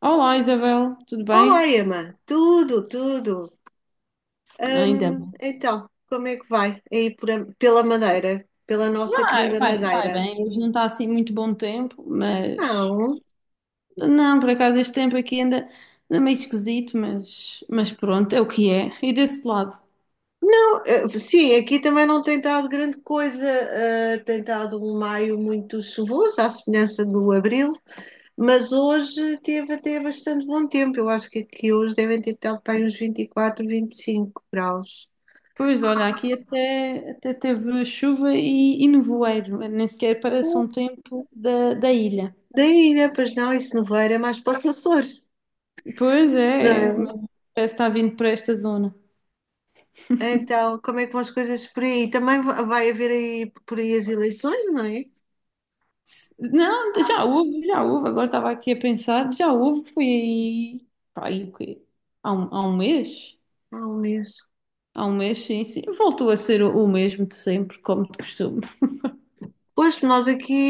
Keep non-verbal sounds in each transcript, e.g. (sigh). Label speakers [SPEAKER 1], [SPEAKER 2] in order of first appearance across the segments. [SPEAKER 1] Olá Isabel, tudo bem?
[SPEAKER 2] Olá, Emma. Tudo, tudo.
[SPEAKER 1] Ainda
[SPEAKER 2] Hum,
[SPEAKER 1] bem.
[SPEAKER 2] então, como é que vai aí pela Madeira, pela nossa
[SPEAKER 1] Vai,
[SPEAKER 2] querida
[SPEAKER 1] vai, vai
[SPEAKER 2] Madeira?
[SPEAKER 1] bem, hoje não está assim muito bom tempo, mas
[SPEAKER 2] Não,
[SPEAKER 1] não, por acaso este tempo aqui ainda meio esquisito, mas pronto, é o que é. E desse lado?
[SPEAKER 2] não. Sim, aqui também não tem estado grande coisa. Tem estado um maio muito chuvoso, à semelhança do abril, mas hoje teve até bastante bom tempo. Eu acho que aqui hoje devem ter estado para aí uns vinte e 25 graus.
[SPEAKER 1] Pois olha, aqui até teve chuva e nevoeiro, nem sequer parece um tempo da ilha.
[SPEAKER 2] Daí, né? Pois não, isso não vai, é mais para os Açores.
[SPEAKER 1] Pois
[SPEAKER 2] Não
[SPEAKER 1] é,
[SPEAKER 2] é?
[SPEAKER 1] mas parece que está vindo para esta zona.
[SPEAKER 2] Então, como é que vão as coisas por aí? Também vai haver aí por aí as eleições, não é?
[SPEAKER 1] Não, já houve, já houve. Agora estava aqui a pensar, já houve, foi aí, pá, aí o quê? Há um mês?
[SPEAKER 2] Há um mês.
[SPEAKER 1] Há um mês, sim, sim. Voltou a ser o mesmo de sempre, como de costume.
[SPEAKER 2] Pois nós aqui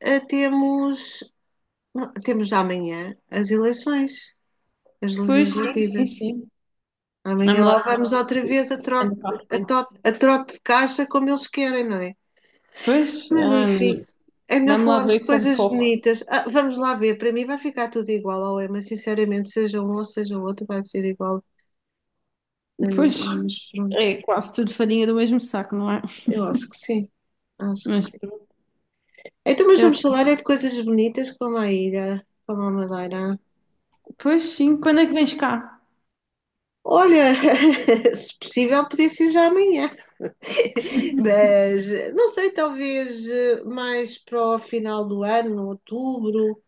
[SPEAKER 2] temos, não, temos amanhã as eleições, as
[SPEAKER 1] Pois, sim,
[SPEAKER 2] legislativas.
[SPEAKER 1] sim, sim.
[SPEAKER 2] Amanhã
[SPEAKER 1] Vamos lá
[SPEAKER 2] lá
[SPEAKER 1] ver
[SPEAKER 2] vamos
[SPEAKER 1] se
[SPEAKER 2] outra vez
[SPEAKER 1] anda para a
[SPEAKER 2] a
[SPEAKER 1] frente.
[SPEAKER 2] trote, a trote de caixa como eles querem, não é?
[SPEAKER 1] Pois,
[SPEAKER 2] Mas
[SPEAKER 1] ai, meu
[SPEAKER 2] enfim,
[SPEAKER 1] Deus.
[SPEAKER 2] é melhor
[SPEAKER 1] Vamos lá
[SPEAKER 2] falarmos de
[SPEAKER 1] ver como
[SPEAKER 2] coisas
[SPEAKER 1] corre.
[SPEAKER 2] bonitas. Ah, vamos lá ver, para mim vai ficar tudo igual ao EMA, sinceramente, seja um ou seja o outro, vai ser igual na
[SPEAKER 1] Pois,
[SPEAKER 2] mesma, mas pronto.
[SPEAKER 1] é quase tudo farinha do mesmo saco, não é?
[SPEAKER 2] Eu acho que sim, acho que
[SPEAKER 1] Mas,
[SPEAKER 2] sim.
[SPEAKER 1] pronto.
[SPEAKER 2] Então, mas
[SPEAKER 1] eu,
[SPEAKER 2] vamos falar é de coisas bonitas como a ilha, como a Madeira.
[SPEAKER 1] pois sim, quando é que vens cá?
[SPEAKER 2] Olha, (laughs) se possível, podia ser já amanhã, mas não sei, talvez mais para o final do ano, outubro,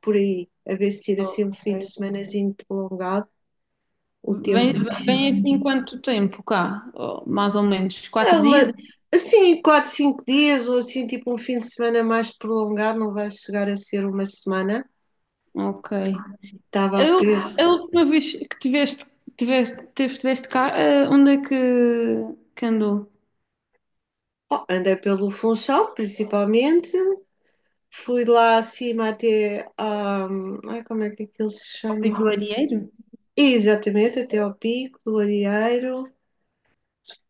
[SPEAKER 2] por aí, a ver se tira assim
[SPEAKER 1] Ok.
[SPEAKER 2] um fim de semanazinho prolongado, o tempo.
[SPEAKER 1] Vem, vem assim quanto tempo cá? Oh, mais ou menos.
[SPEAKER 2] É
[SPEAKER 1] Quatro dias?
[SPEAKER 2] uma, assim, quatro, cinco dias, ou assim, tipo um fim de semana mais prolongado, não vai chegar a ser uma semana.
[SPEAKER 1] Ok.
[SPEAKER 2] Estava a
[SPEAKER 1] Eu, a
[SPEAKER 2] preço.
[SPEAKER 1] última vez que tiveste cá, onde é que andou?
[SPEAKER 2] Oh, andei pelo Funchal, principalmente. Fui lá acima até. Ai, como é que aquilo se
[SPEAKER 1] Pico
[SPEAKER 2] chama?
[SPEAKER 1] do Arieiro?
[SPEAKER 2] Exatamente, até ao Pico do Arieiro.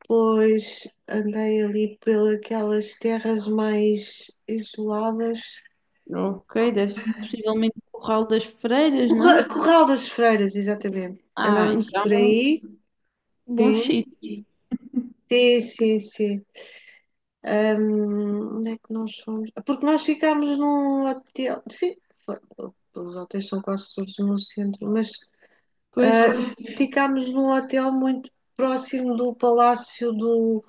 [SPEAKER 2] Depois andei ali pelas terras mais isoladas.
[SPEAKER 1] Ok, deve, possivelmente o Curral das Freiras, não?
[SPEAKER 2] Corral das Freiras, exatamente.
[SPEAKER 1] Ah,
[SPEAKER 2] Andámos por
[SPEAKER 1] então,
[SPEAKER 2] aí.
[SPEAKER 1] bom
[SPEAKER 2] Sim,
[SPEAKER 1] sítio.
[SPEAKER 2] sim, sim, sim. Onde é que nós fomos? Ah, porque nós ficámos num hotel. Sim, foi- os hotéis são quase todos no centro, mas
[SPEAKER 1] Pois sim.
[SPEAKER 2] Uh, ficámos num hotel muito próximo do Palácio do.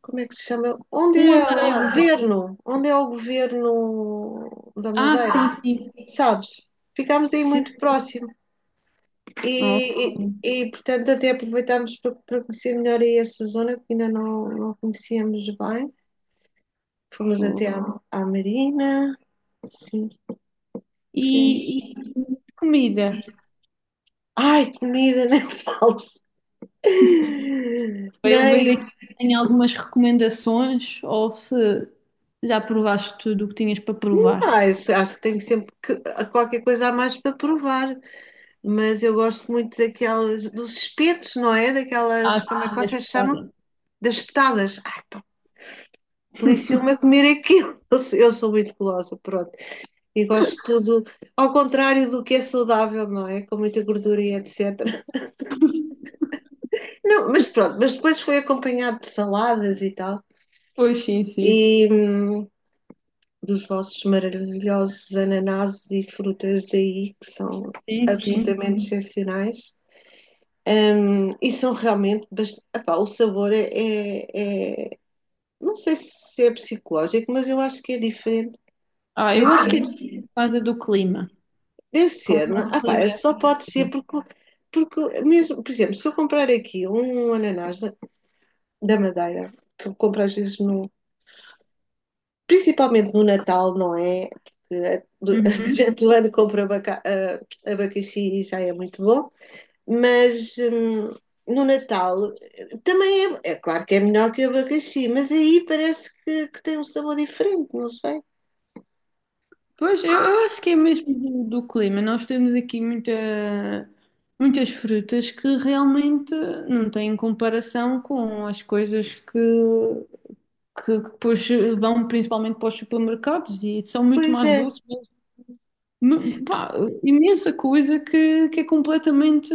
[SPEAKER 2] Como é que se chama? Onde
[SPEAKER 1] Um
[SPEAKER 2] é o
[SPEAKER 1] amarelo.
[SPEAKER 2] governo? Onde é o governo da
[SPEAKER 1] Ah,
[SPEAKER 2] Madeira?
[SPEAKER 1] sim,
[SPEAKER 2] Ah,
[SPEAKER 1] sim,
[SPEAKER 2] sim, sim. Sabes? Ficámos aí
[SPEAKER 1] sim.
[SPEAKER 2] muito próximo
[SPEAKER 1] Ok.
[SPEAKER 2] e, portanto, até aproveitámos para, conhecer melhor aí essa zona que ainda não conhecíamos bem. Fomos
[SPEAKER 1] Ok.
[SPEAKER 2] até à Marina. Sim,
[SPEAKER 1] E
[SPEAKER 2] sim.
[SPEAKER 1] comida?
[SPEAKER 2] Ai, comida, (laughs) nem falo.
[SPEAKER 1] Para eu ver aqui
[SPEAKER 2] Nem.
[SPEAKER 1] se tem algumas recomendações ou se já provaste tudo o que tinhas para provar.
[SPEAKER 2] Ah, eu acho que tenho sempre que, a qualquer coisa a mais para provar, mas eu gosto muito daquelas, dos espetos, não é?
[SPEAKER 1] Ah,
[SPEAKER 2] Daquelas, como é que
[SPEAKER 1] sim, és
[SPEAKER 2] vocês
[SPEAKER 1] pesada.
[SPEAKER 2] chamam? Das espetadas. Ai, pá, delicia-me a comer aquilo. (laughs) Eu sou muito gulosa, pronto. E gosto de tudo, ao contrário do que é saudável, não é? Com muita gordura e etc. Não, mas pronto, mas depois foi acompanhado de saladas e tal.
[SPEAKER 1] Pois sim, sim.
[SPEAKER 2] E dos vossos maravilhosos ananases e frutas daí, que são
[SPEAKER 1] Sim, sim.
[SPEAKER 2] absolutamente excepcionais. E são realmente. Epá, o sabor é. Não sei se é psicológico, mas eu acho que é diferente
[SPEAKER 1] Ah, eu acho que é
[SPEAKER 2] daquilo.
[SPEAKER 1] por causa do clima.
[SPEAKER 2] Deve
[SPEAKER 1] Como
[SPEAKER 2] ser,
[SPEAKER 1] o
[SPEAKER 2] não?
[SPEAKER 1] nosso
[SPEAKER 2] é? Epá,
[SPEAKER 1] clima é
[SPEAKER 2] só
[SPEAKER 1] assim
[SPEAKER 2] pode ser
[SPEAKER 1] diferente.
[SPEAKER 2] porque, mesmo, por exemplo, se eu comprar aqui um ananás da Madeira, que eu compro às vezes no. Principalmente no Natal, não é? Porque (laughs)
[SPEAKER 1] Uhum.
[SPEAKER 2] durante o ano compro abacaxi e já é muito bom. Mas no Natal também é claro que é melhor que o abacaxi, mas aí parece que tem um sabor diferente, não sei.
[SPEAKER 1] Pois, eu acho que é mesmo do clima. Nós temos aqui muita, muitas frutas que realmente não têm comparação com as coisas que depois vão principalmente para os supermercados e são muito
[SPEAKER 2] Pois
[SPEAKER 1] mais
[SPEAKER 2] é,
[SPEAKER 1] doces, me- pá, imensa coisa que é completamente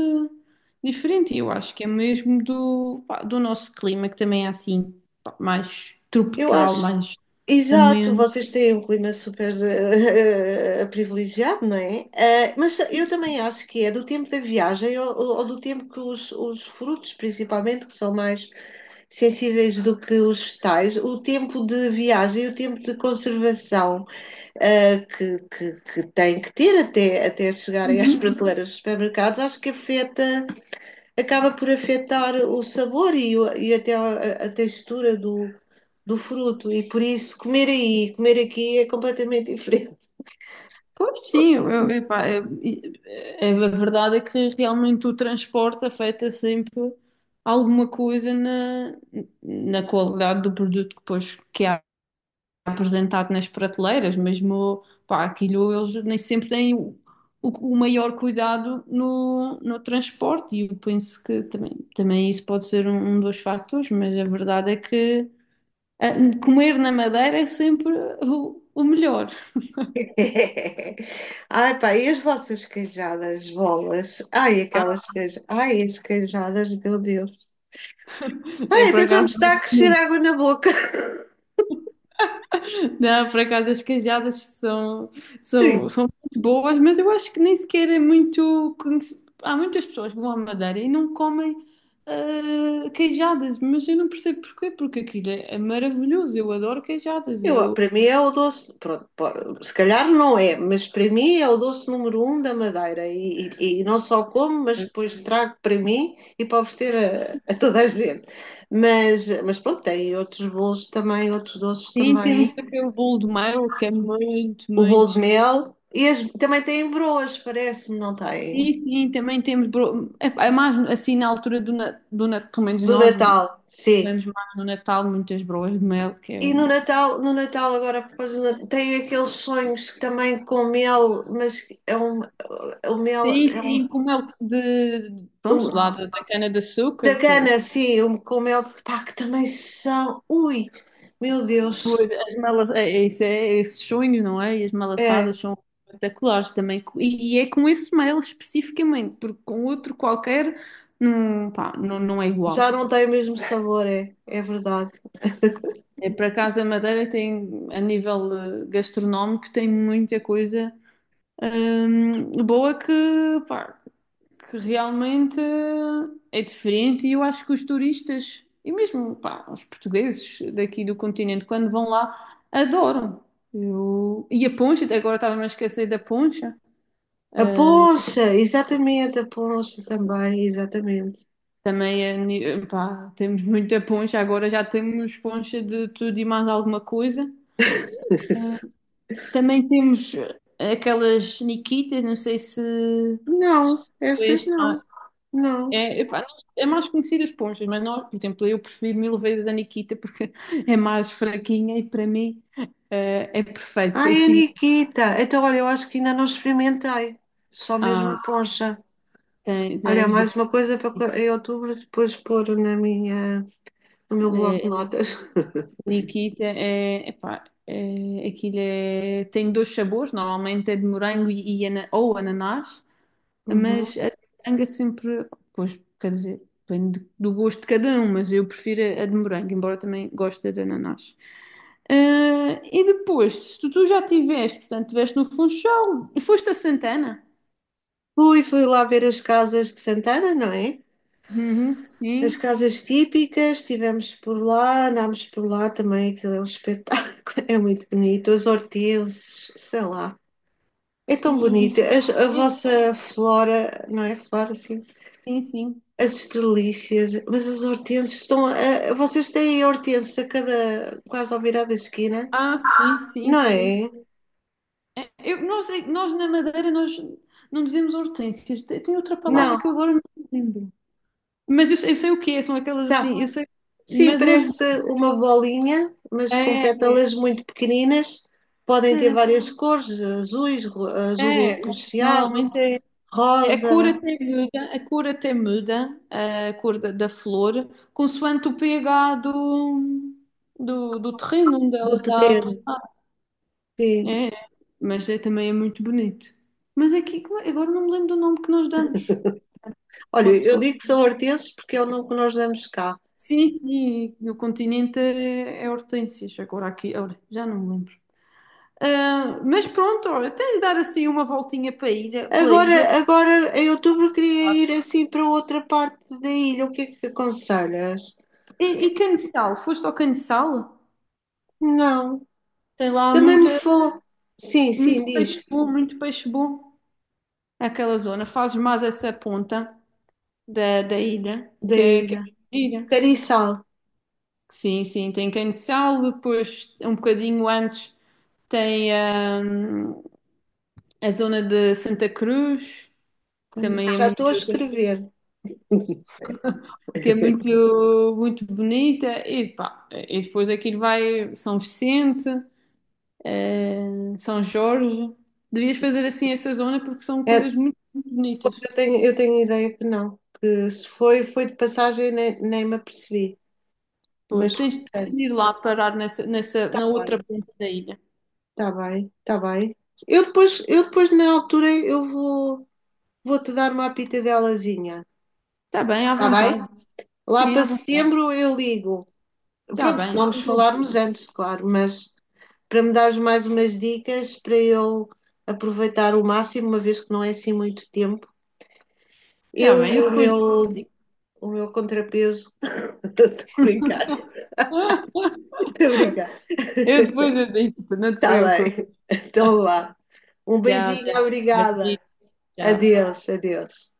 [SPEAKER 1] diferente. E eu acho que é mesmo do, pá, do nosso clima, que também é assim, pá, mais
[SPEAKER 2] eu acho.
[SPEAKER 1] tropical, mais
[SPEAKER 2] Exato,
[SPEAKER 1] ameno.
[SPEAKER 2] vocês têm um clima super (laughs) privilegiado, não é? Mas eu também acho que é do tempo da viagem ou do tempo que os frutos, principalmente, que são mais sensíveis do que os vegetais, o tempo de viagem e o tempo de conservação que tem que ter até chegarem às
[SPEAKER 1] Uhum.
[SPEAKER 2] prateleiras dos supermercados, acho que afeta, acaba por afetar o sabor e até a textura do fruto. E por isso, comer aí, e comer aqui é completamente diferente.
[SPEAKER 1] Pois sim, eu- epá, eu- é- é- a verdade é que realmente o transporte afeta sempre alguma coisa na, na qualidade do produto que depois que há apresentado nas prateleiras, mesmo, pá, aquilo eles nem sempre têm o maior cuidado no transporte e eu penso que também isso pode ser um, um dos fatores, mas a verdade é que ah, comer na Madeira é sempre o melhor.
[SPEAKER 2] (laughs) Ai, pá, e as vossas queijadas, bolas? Ai, aquelas
[SPEAKER 1] Ah,
[SPEAKER 2] queijadas. Ai, as queijadas, meu Deus. Ai,
[SPEAKER 1] eu por
[SPEAKER 2] até já me
[SPEAKER 1] acaso
[SPEAKER 2] está a crescer água na boca.
[SPEAKER 1] não, por acaso as cajadas são, são,
[SPEAKER 2] (laughs)
[SPEAKER 1] são muito boas, mas eu acho que nem sequer é muito. Conhec- há muitas pessoas que vão à Madeira e não comem queijadas, mas eu não percebo porquê, porque aquilo é, é maravilhoso, eu adoro queijadas.
[SPEAKER 2] Eu,
[SPEAKER 1] Eu,
[SPEAKER 2] para mim é o doce, pronto, se calhar não é, mas para mim é o doce número um da Madeira e, e não só como, mas depois trago para mim e para oferecer a toda a gente. Mas pronto, tem outros bolos também, outros doces
[SPEAKER 1] sim, temos
[SPEAKER 2] também.
[SPEAKER 1] aquele bolo de mel que é muito,
[SPEAKER 2] O bolo de
[SPEAKER 1] muito.
[SPEAKER 2] mel e também tem broas, parece-me, não tem?
[SPEAKER 1] Sim, sim, também temos. Bro- é, é mais assim na altura do, na- do Natal, pelo menos
[SPEAKER 2] Do
[SPEAKER 1] nós
[SPEAKER 2] Natal, sim.
[SPEAKER 1] comemos mais no Natal muitas broas de mel, que é
[SPEAKER 2] E no
[SPEAKER 1] um.
[SPEAKER 2] Natal, no Natal agora, por causa do Natal, tem aqueles sonhos que também com mel, mas é um mel,
[SPEAKER 1] Sim, sim,
[SPEAKER 2] é
[SPEAKER 1] com mel de- pronto, lá
[SPEAKER 2] um.
[SPEAKER 1] da, da
[SPEAKER 2] Da
[SPEAKER 1] cana-de-açúcar, que
[SPEAKER 2] Gana, sim, com mel de pá, que também são. Ui, meu Deus.
[SPEAKER 1] pois, as malas é, é isso é, esses sonhos, não é? E as
[SPEAKER 2] É,
[SPEAKER 1] malaçadas são espetaculares também. E é com esse mel especificamente, porque com outro qualquer não, pá, não, não é
[SPEAKER 2] já
[SPEAKER 1] igual.
[SPEAKER 2] não tem o mesmo sabor, é verdade.
[SPEAKER 1] É para casa Madeira tem, a nível gastronómico, tem muita coisa boa que, pá, que realmente é diferente e eu acho que os turistas e mesmo pá, os portugueses daqui do continente quando vão lá adoram. Eu- e a poncha, até agora estava-me a esquecer da poncha.
[SPEAKER 2] A
[SPEAKER 1] Ah,
[SPEAKER 2] poncha, exatamente, a poncha também, exatamente.
[SPEAKER 1] também é ni- pá, temos muita poncha, agora já temos poncha de tudo e mais alguma coisa. Ah,
[SPEAKER 2] (laughs)
[SPEAKER 1] também temos aquelas niquitas, não sei se, se
[SPEAKER 2] Não, essas
[SPEAKER 1] conhece.
[SPEAKER 2] não, não.
[SPEAKER 1] É, epá, não- é mais conhecidas as Ponchas, mas nós, por exemplo, eu prefiro mil vezes a Nikita porque (laughs) é mais fraquinha e para mim é perfeito.
[SPEAKER 2] Ai, a
[SPEAKER 1] Aquilo,
[SPEAKER 2] Nikita. Então, olha, eu acho que ainda não experimentei. Só mesmo
[SPEAKER 1] ah,
[SPEAKER 2] a poncha.
[SPEAKER 1] tem-
[SPEAKER 2] Olha, é
[SPEAKER 1] tens de.
[SPEAKER 2] mais uma coisa para em outubro depois pôr no meu bloco de
[SPEAKER 1] eh,
[SPEAKER 2] notas. (laughs)
[SPEAKER 1] Nikita é. Epá, é, aquilo é, tem dois sabores, normalmente é de morango e ana- ou ananás.
[SPEAKER 2] Uhum.
[SPEAKER 1] Mas a de moranga sempre, pois, quer dizer, depende de- do gosto de cada um, mas eu prefiro a de morango, embora também goste da de ananás. Ah, e depois, se tu, tu já tiveste, portanto, estiveste no Funchal e foste a Santana?
[SPEAKER 2] Fui lá ver as casas de Santana, não é?
[SPEAKER 1] Uhum,
[SPEAKER 2] As
[SPEAKER 1] sim.
[SPEAKER 2] casas típicas, estivemos por lá, andámos por lá também, aquilo é um espetáculo, (laughs) é muito bonito. As hortênsias, sei lá, é
[SPEAKER 1] E,
[SPEAKER 2] tão
[SPEAKER 1] e, e-
[SPEAKER 2] bonito. A
[SPEAKER 1] sim,
[SPEAKER 2] vossa flora, não é? Flora, sim.
[SPEAKER 1] sim, sim.
[SPEAKER 2] As estrelícias, mas as hortênsias estão. Vocês têm hortênsias a cada. Quase ao virar da esquina,
[SPEAKER 1] Ah, sim,
[SPEAKER 2] não
[SPEAKER 1] sim, sim.
[SPEAKER 2] é?
[SPEAKER 1] É, eu, nós na Madeira nós não dizemos hortênsias, tem outra palavra
[SPEAKER 2] Não,
[SPEAKER 1] que eu agora não me lembro. Mas eu sei o que é, são aquelas
[SPEAKER 2] sabe?
[SPEAKER 1] assim, eu sei,
[SPEAKER 2] Sim,
[SPEAKER 1] mas nós.
[SPEAKER 2] parece uma bolinha, mas com
[SPEAKER 1] É,
[SPEAKER 2] pétalas muito pequeninas. Podem ter várias cores, azuis, azul
[SPEAKER 1] é,
[SPEAKER 2] arroxeado,
[SPEAKER 1] normalmente é, a cor
[SPEAKER 2] rosa,
[SPEAKER 1] até muda, a cor até muda, a cor da, da flor, consoante o pH do terreno onde ela
[SPEAKER 2] do
[SPEAKER 1] está
[SPEAKER 2] terreiro.
[SPEAKER 1] plantada.
[SPEAKER 2] Sim.
[SPEAKER 1] É, mas é, também é muito bonito. Mas aqui, como é- agora não me lembro do nome que nós damos.
[SPEAKER 2] Olha,
[SPEAKER 1] Uma
[SPEAKER 2] eu
[SPEAKER 1] pessoa.
[SPEAKER 2] digo que são hortenses porque é o nome que nós damos cá.
[SPEAKER 1] Sim, sim, no continente é, é hortênsias, agora aqui, olha, já não me lembro. Ah, mas pronto, olha, tens de dar assim uma voltinha para a ilha, pela
[SPEAKER 2] Agora,
[SPEAKER 1] ilha.
[SPEAKER 2] agora em outubro queria ir assim para outra parte da ilha. O que é que aconselhas?
[SPEAKER 1] E Caneçal? Foste ao Caneçal?
[SPEAKER 2] Não.
[SPEAKER 1] Tem lá
[SPEAKER 2] Também me
[SPEAKER 1] muita,
[SPEAKER 2] falou. Sim, sim, diz.
[SPEAKER 1] muito peixe bom aquela zona. Fazes mais essa ponta da ilha,
[SPEAKER 2] Da
[SPEAKER 1] que é
[SPEAKER 2] ilha.
[SPEAKER 1] gira.
[SPEAKER 2] Cariçal.
[SPEAKER 1] Sim, sim, tem Caneçal, depois um bocadinho antes tem hum, a zona de Santa Cruz, que também é
[SPEAKER 2] Já
[SPEAKER 1] muito,
[SPEAKER 2] estou a escrever.
[SPEAKER 1] que é
[SPEAKER 2] (laughs)
[SPEAKER 1] muito, muito bonita, pá, e depois aquilo vai São Vicente. São Jorge. Devias fazer assim essa zona porque são
[SPEAKER 2] É,
[SPEAKER 1] coisas muito, muito
[SPEAKER 2] pois
[SPEAKER 1] bonitas.
[SPEAKER 2] eu tenho, ideia que não, que se foi, foi de passagem, nem me apercebi.
[SPEAKER 1] Pois,
[SPEAKER 2] Mas,
[SPEAKER 1] tens de
[SPEAKER 2] portanto,
[SPEAKER 1] ir lá parar nessa, nessa,
[SPEAKER 2] está
[SPEAKER 1] na outra
[SPEAKER 2] bem,
[SPEAKER 1] ponta da ilha.
[SPEAKER 2] está bem, está bem. Eu depois, na altura, vou-te dar uma apitadelazinha,
[SPEAKER 1] Está bem, à
[SPEAKER 2] está bem?
[SPEAKER 1] vontade.
[SPEAKER 2] Lá
[SPEAKER 1] Sim,
[SPEAKER 2] para
[SPEAKER 1] à vontade.
[SPEAKER 2] setembro eu ligo.
[SPEAKER 1] Está
[SPEAKER 2] Pronto, se
[SPEAKER 1] bem,
[SPEAKER 2] não nos
[SPEAKER 1] sem
[SPEAKER 2] falarmos
[SPEAKER 1] problema.
[SPEAKER 2] antes, claro, mas para me dares mais umas dicas, para eu aproveitar o máximo, uma vez que não é assim muito tempo,
[SPEAKER 1] Está
[SPEAKER 2] eu
[SPEAKER 1] bem,
[SPEAKER 2] e
[SPEAKER 1] eu
[SPEAKER 2] o
[SPEAKER 1] depois
[SPEAKER 2] meu,
[SPEAKER 1] digo.
[SPEAKER 2] o meu contrapeso, (laughs) estou a brincar.
[SPEAKER 1] (laughs)
[SPEAKER 2] Obrigada.
[SPEAKER 1] Eu
[SPEAKER 2] (laughs)
[SPEAKER 1] depois eu digo, não te
[SPEAKER 2] Está
[SPEAKER 1] preocupes.
[SPEAKER 2] bem. Então lá. Um
[SPEAKER 1] Tchau,
[SPEAKER 2] beijinho,
[SPEAKER 1] tchau. Beijinho,
[SPEAKER 2] obrigada.
[SPEAKER 1] tchau.
[SPEAKER 2] Adeus, adeus.